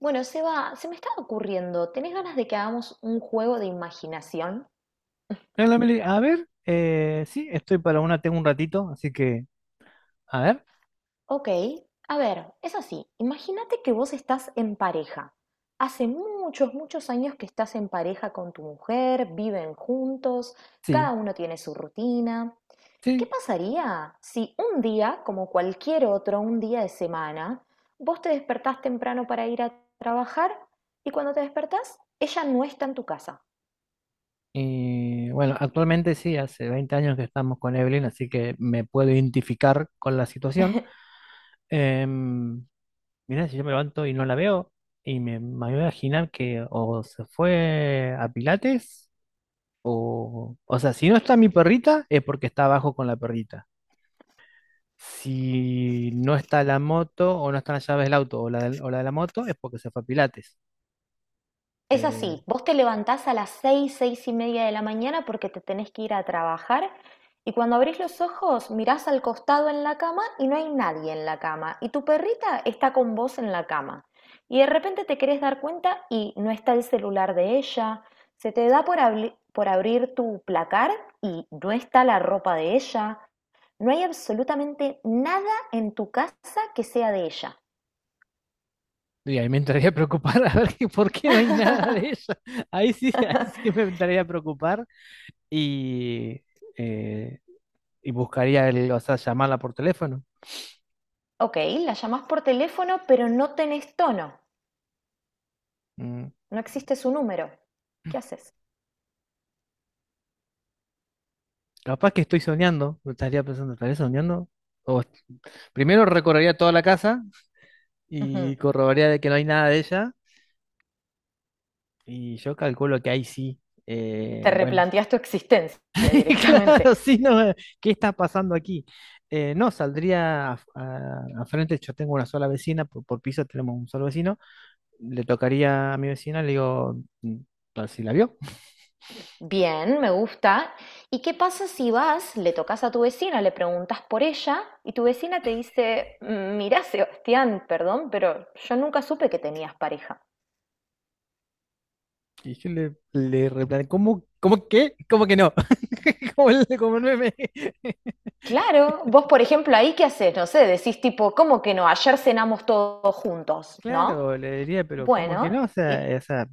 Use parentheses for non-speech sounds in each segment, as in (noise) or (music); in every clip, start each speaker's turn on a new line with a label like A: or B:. A: Bueno, Seba, se me está ocurriendo, ¿tenés ganas de que hagamos un juego de imaginación?
B: Hola, Meli. A ver, sí, estoy para una, tengo un ratito, así que, a ver,
A: Ok, a ver, es así, imagínate que vos estás en pareja. Hace muchos, muchos años que estás en pareja con tu mujer, viven juntos, cada
B: sí,
A: uno tiene su rutina. ¿Qué
B: sí.
A: pasaría si un día, como cualquier otro, un día de semana, vos te despertás temprano para ir a trabajar y cuando te despertás, ella no está en tu casa?
B: Y bueno, actualmente sí, hace 20 años que estamos con Evelyn, así que me puedo identificar con la situación. Em, Mirá, si yo me levanto y no la veo, y me voy a imaginar que o se fue a Pilates, o sea, si no está mi perrita, es porque está abajo con la perrita. Si no está la moto, o no están las llaves del auto, o la de la moto, es porque se fue a Pilates.
A: Es
B: Eh,
A: así, vos te levantás a las 6, 6:30 de la mañana porque te tenés que ir a trabajar y cuando abrís los ojos mirás al costado en la cama y no hay nadie en la cama y tu perrita está con vos en la cama y de repente te querés dar cuenta y no está el celular de ella, se te da por, por abrir tu placar y no está la ropa de ella, no hay absolutamente nada en tu casa que sea de ella.
B: y ahí me entraría a preocupar (laughs) a ver que, por qué no hay nada de
A: (laughs)
B: eso. Ahí sí, (laughs) ahí sí que me entraría a preocupar y, eh, y buscaría o sea, llamarla por teléfono.
A: Ok, la llamás por teléfono, pero no tenés tono,
B: Mm.
A: no existe su número. ¿Qué haces?
B: Capaz que estoy soñando, me estaría pensando, ¿estaré soñando? O- Primero recorrería toda la casa
A: Ujú.
B: y corroboraría de que no hay nada de ella. Y yo calculo que ahí sí.
A: Te
B: Bueno,
A: replanteas tu existencia
B: (laughs)
A: directamente.
B: claro, sí, no, ¿qué está pasando aquí? No, saldría a, a frente. Yo tengo una sola vecina, por piso tenemos un solo vecino, le tocaría a mi vecina, le digo, a ver si la vio.
A: Bien, me gusta. ¿Y qué pasa si vas, le tocas a tu vecina, le preguntas por ella y tu vecina te dice, mirá, Sebastián, perdón, pero yo nunca supe que tenías pareja?
B: Y yo ¿cómo, cómo qué? ¿Cómo que no? (laughs) Como el meme. (laughs)
A: Claro, vos por ejemplo ahí qué haces, no sé, decís tipo, ¿cómo que no? Ayer cenamos todos juntos, ¿no?
B: Claro, le diría, pero ¿cómo
A: Bueno,
B: que no? O sea,
A: y
B: o sea,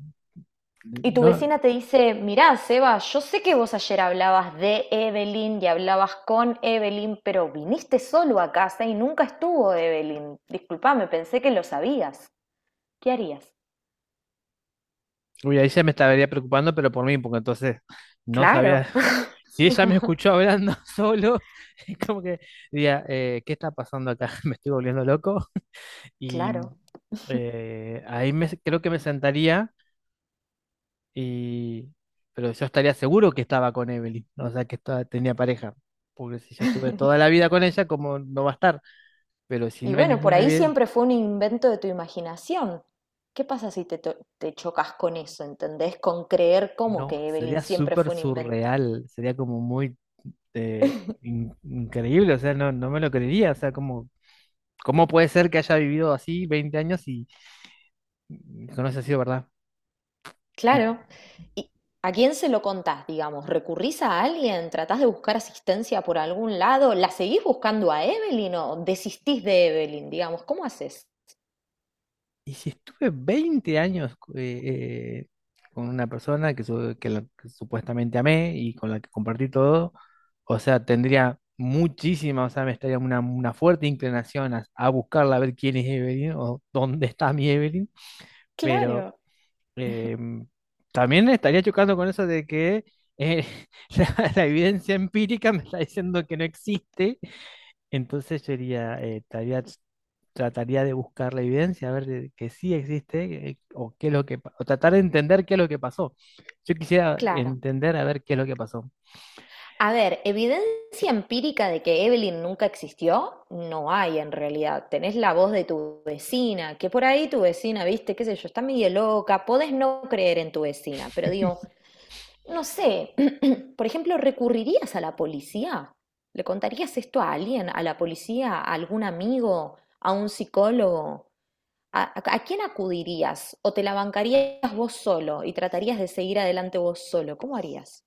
A: Y tu
B: no.
A: vecina te dice, mirá, Seba, yo sé que vos ayer hablabas de Evelyn y hablabas con Evelyn, pero viniste solo a casa y nunca estuvo Evelyn. Disculpame, pensé que lo sabías. ¿Qué harías?
B: Uy, ahí ya me estaría preocupando, pero por mí, porque entonces no sabía.
A: Claro.
B: (laughs)
A: (laughs)
B: Si ella me escuchó hablando (laughs) solo, es como que diría, ¿qué está pasando acá? (laughs) Me estoy volviendo loco. Y
A: Claro.
B: eh, ahí creo que me sentaría, y, pero yo estaría seguro que estaba con Evelyn, o sea, que tenía pareja. Porque si yo estuve toda la vida con ella, como no va a estar. Pero si
A: Y
B: no hay
A: bueno, por
B: ninguna
A: ahí
B: evidencia,
A: siempre fue un invento de tu imaginación. ¿Qué pasa si te chocas con eso? ¿Entendés? Con creer como
B: no,
A: que Evelyn
B: sería
A: siempre
B: súper
A: fue un invento.
B: surreal, sería como muy increíble, o sea, no, no me lo creería, o sea, ¿cómo puede ser que haya vivido así 20 años y que no haya sido verdad? Y,
A: Claro. ¿Y a quién se lo contás, digamos? ¿Recurrís a alguien? ¿Tratás de buscar asistencia por algún lado? ¿La seguís buscando a Evelyn o desistís de Evelyn, digamos? ¿Cómo haces?
B: y si estuve 20 años eh, con una persona que supuestamente amé y con la que compartí todo, o sea, tendría muchísima, o sea, me estaría una fuerte inclinación a buscarla, a ver quién es Evelyn o dónde está mi Evelyn, pero
A: Claro.
B: Eh, también estaría chocando con eso de que eh, (laughs) la evidencia empírica me está diciendo que no existe, entonces yo diría, trataría de buscar la evidencia, a ver que sí existe, o qué es lo que, o tratar de entender qué es lo que pasó. Yo quisiera
A: Claro.
B: entender a ver qué es lo que pasó.
A: A ver, evidencia empírica de que Evelyn nunca existió, no hay en realidad. Tenés la voz de tu vecina, que por ahí tu vecina, viste, qué sé yo, está medio loca, podés no creer en tu vecina, pero digo, no sé, (clears throat) por ejemplo, ¿recurrirías a la policía? ¿Le contarías esto a alguien, a la policía, a algún amigo, a un psicólogo? A quién acudirías? ¿O te la bancarías vos solo y tratarías de seguir adelante vos solo? ¿Cómo harías?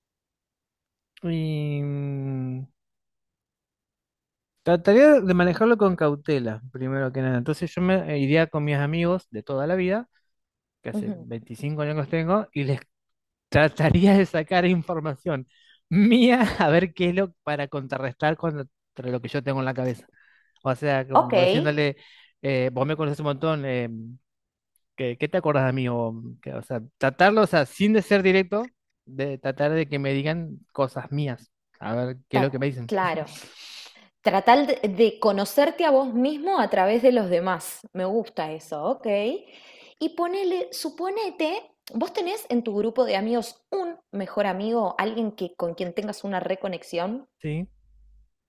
B: Y trataría de manejarlo con cautela, primero que nada. Entonces yo me iría con mis amigos de toda la vida, que hace
A: Ujú.
B: 25 años que los tengo, y les trataría de sacar información mía a ver qué es lo para contrarrestar contra lo que yo tengo en la cabeza. O sea,
A: Ok,
B: como diciéndole, vos me conoces un montón, ¿qué te acordás de mí? O sea, tratarlo, o sea, sin de ser directo, de tratar de que me digan cosas mías. A ver qué es lo
A: ta-
B: que me dicen.
A: claro. Tratar de conocerte a vos mismo a través de los demás. Me gusta eso, ok. Y ponele, suponete, vos tenés en tu grupo de amigos un mejor amigo, alguien que, con quien tengas una reconexión.
B: Sí,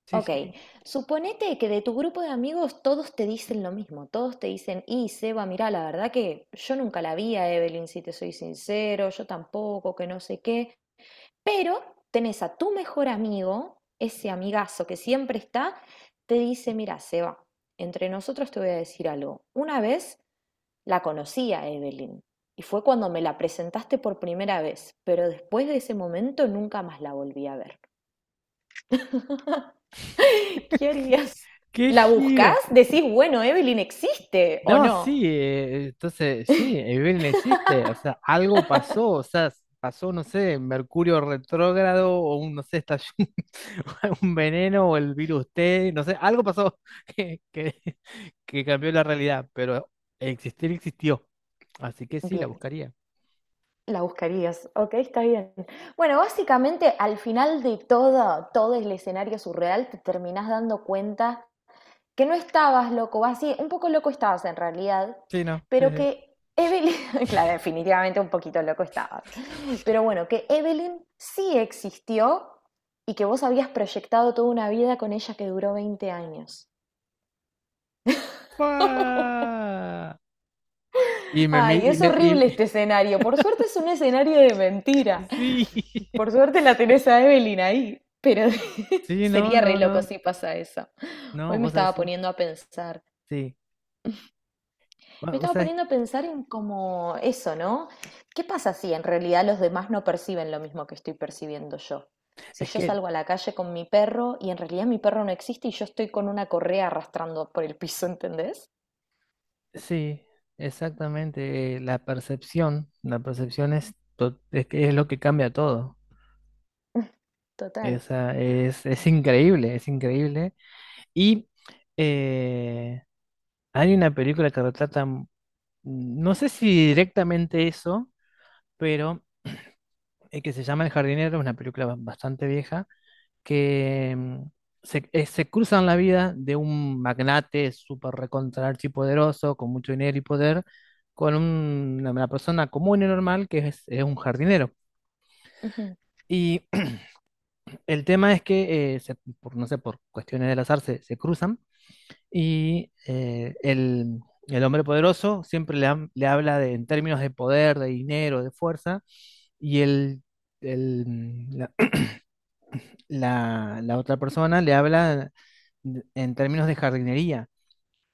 B: sí,
A: Ok,
B: sí.
A: suponete que de tu grupo de amigos todos te dicen lo mismo, todos te dicen, y Seba, mirá, la verdad que yo nunca la vi a Evelyn, si te soy sincero, yo tampoco, que no sé qué. Pero tenés a tu mejor amigo, ese amigazo que siempre está, te dice, mira, Seba, entre nosotros te voy a decir algo. Una vez la conocí a Evelyn y fue cuando me la presentaste por primera vez, pero después de ese momento nunca más la volví a ver. (laughs) ¿Qué harías?
B: ¡Qué
A: ¿La buscas?
B: giro!
A: Decís, bueno, Evelyn existe o
B: No,
A: no.
B: sí, entonces sí, Evelyn existe, o sea,
A: (laughs)
B: algo pasó, o sea, pasó, no sé, Mercurio retrógrado o un, no sé, estalló (laughs) un veneno o el virus T, no sé, algo pasó (laughs) que, que cambió la realidad, pero existir existió, así que sí, la
A: Bien.
B: buscaría.
A: La buscarías. Ok, está bien. Bueno, básicamente al final de todo, todo el escenario surreal, te terminás dando cuenta que no estabas loco, o así, un poco loco estabas en realidad,
B: Sí, no, sí,
A: pero
B: sí.
A: que Evelyn, (laughs) claro, definitivamente un poquito loco estabas, pero bueno, que Evelyn sí existió y que vos habías proyectado toda una vida con ella que duró 20 años.
B: ¡Fua! Y me, mi-
A: Ay, es
B: y
A: horrible
B: me-
A: este escenario. Por suerte es un escenario de mentira.
B: (laughs) sí,
A: Por
B: (laughs)
A: suerte la tenés a Evelyn ahí. Pero (laughs)
B: sí, no,
A: sería re
B: no,
A: loco
B: no,
A: si pasa eso.
B: no,
A: Hoy me
B: vos
A: estaba
B: así, sí,
A: poniendo a pensar.
B: sí.
A: Me
B: Bueno, o
A: estaba
B: sea,
A: poniendo a pensar en como eso, ¿no? ¿Qué pasa si en realidad los demás no perciben lo mismo que estoy percibiendo yo? Si
B: es
A: yo
B: que.
A: salgo a la calle con mi perro y en realidad mi perro no existe y yo estoy con una correa arrastrando por el piso, ¿entendés?
B: Sí, exactamente. La percepción es, que es lo que cambia todo.
A: Total.
B: Esa es increíble, es increíble. Y eh, hay una película que retrata, no sé si directamente eso, pero que se llama El jardinero, una película bastante vieja, que se cruzan la vida de un magnate súper recontra archipoderoso, con mucho dinero y poder, con una persona común y normal que es un jardinero.
A: Ujú.
B: Y (clears throat) el tema es que, por, no sé, por cuestiones del azar se cruzan y el hombre poderoso siempre le habla de, en términos de poder, de dinero, de fuerza, y el, mm, la, (clears throat) la otra persona le habla en términos de jardinería.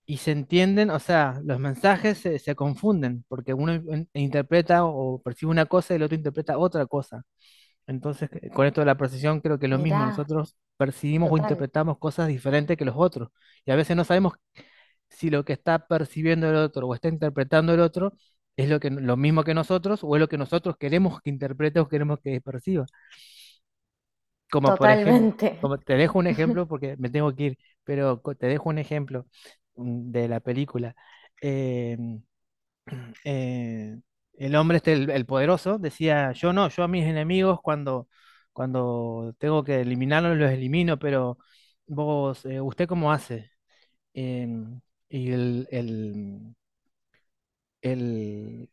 B: Y se entienden, o sea, los mensajes se confunden, porque uno interpreta o percibe una cosa y el otro interpreta otra cosa. Entonces, con esto de la percepción creo que es lo
A: Mirá,
B: mismo, nosotros percibimos o
A: total.
B: interpretamos cosas diferentes que los otros, y a veces no sabemos si lo que está percibiendo el otro o está interpretando el otro es lo mismo que nosotros o es lo que nosotros queremos que interprete o queremos que perciba. Como por ejemplo,
A: Totalmente.
B: Como te dejo un
A: (laughs)
B: ejemplo porque me tengo que ir, pero te dejo un ejemplo de la película. Eh, eh, el hombre este, el poderoso, decía, yo no, yo a mis enemigos cuando tengo que eliminarlos, los elimino, pero ¿usted cómo hace? Em, y el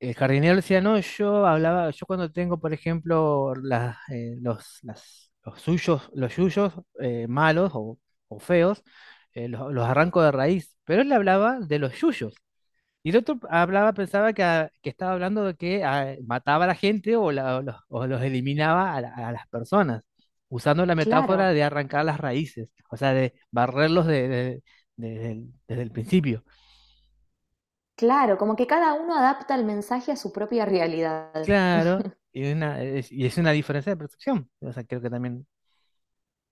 B: el jardinero le decía, no, yo hablaba, yo cuando tengo, por ejemplo, las, los, las- los suyos, los yuyos malos o feos, los arranco de raíz. Pero él hablaba de los yuyos. Y el otro pensaba que estaba hablando de que mataba a la gente o los eliminaba a las personas, usando la
A: Claro,
B: metáfora de arrancar las raíces, o sea, de barrerlos de- desde desde el principio.
A: claro, como que cada uno adapta el mensaje a su propia realidad.
B: Claro, y es una diferencia de percepción. O sea, creo que también.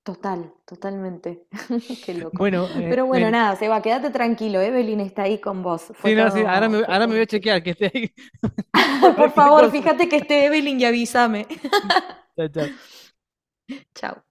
A: Total, totalmente. (laughs) Qué loco.
B: Bueno,
A: Pero bueno,
B: Meli.
A: nada, Seba, quédate tranquilo, Evelyn está ahí con vos.
B: Sí, no, sí, ahora me,
A: Fue
B: ahora me
A: todo
B: voy
A: un
B: a chequear
A: chiste.
B: que esté ahí (laughs) por
A: (laughs) Por
B: cualquier
A: favor,
B: cosa.
A: fíjate que esté Evelyn y avísame. (laughs)
B: Chao, chao.
A: Chao.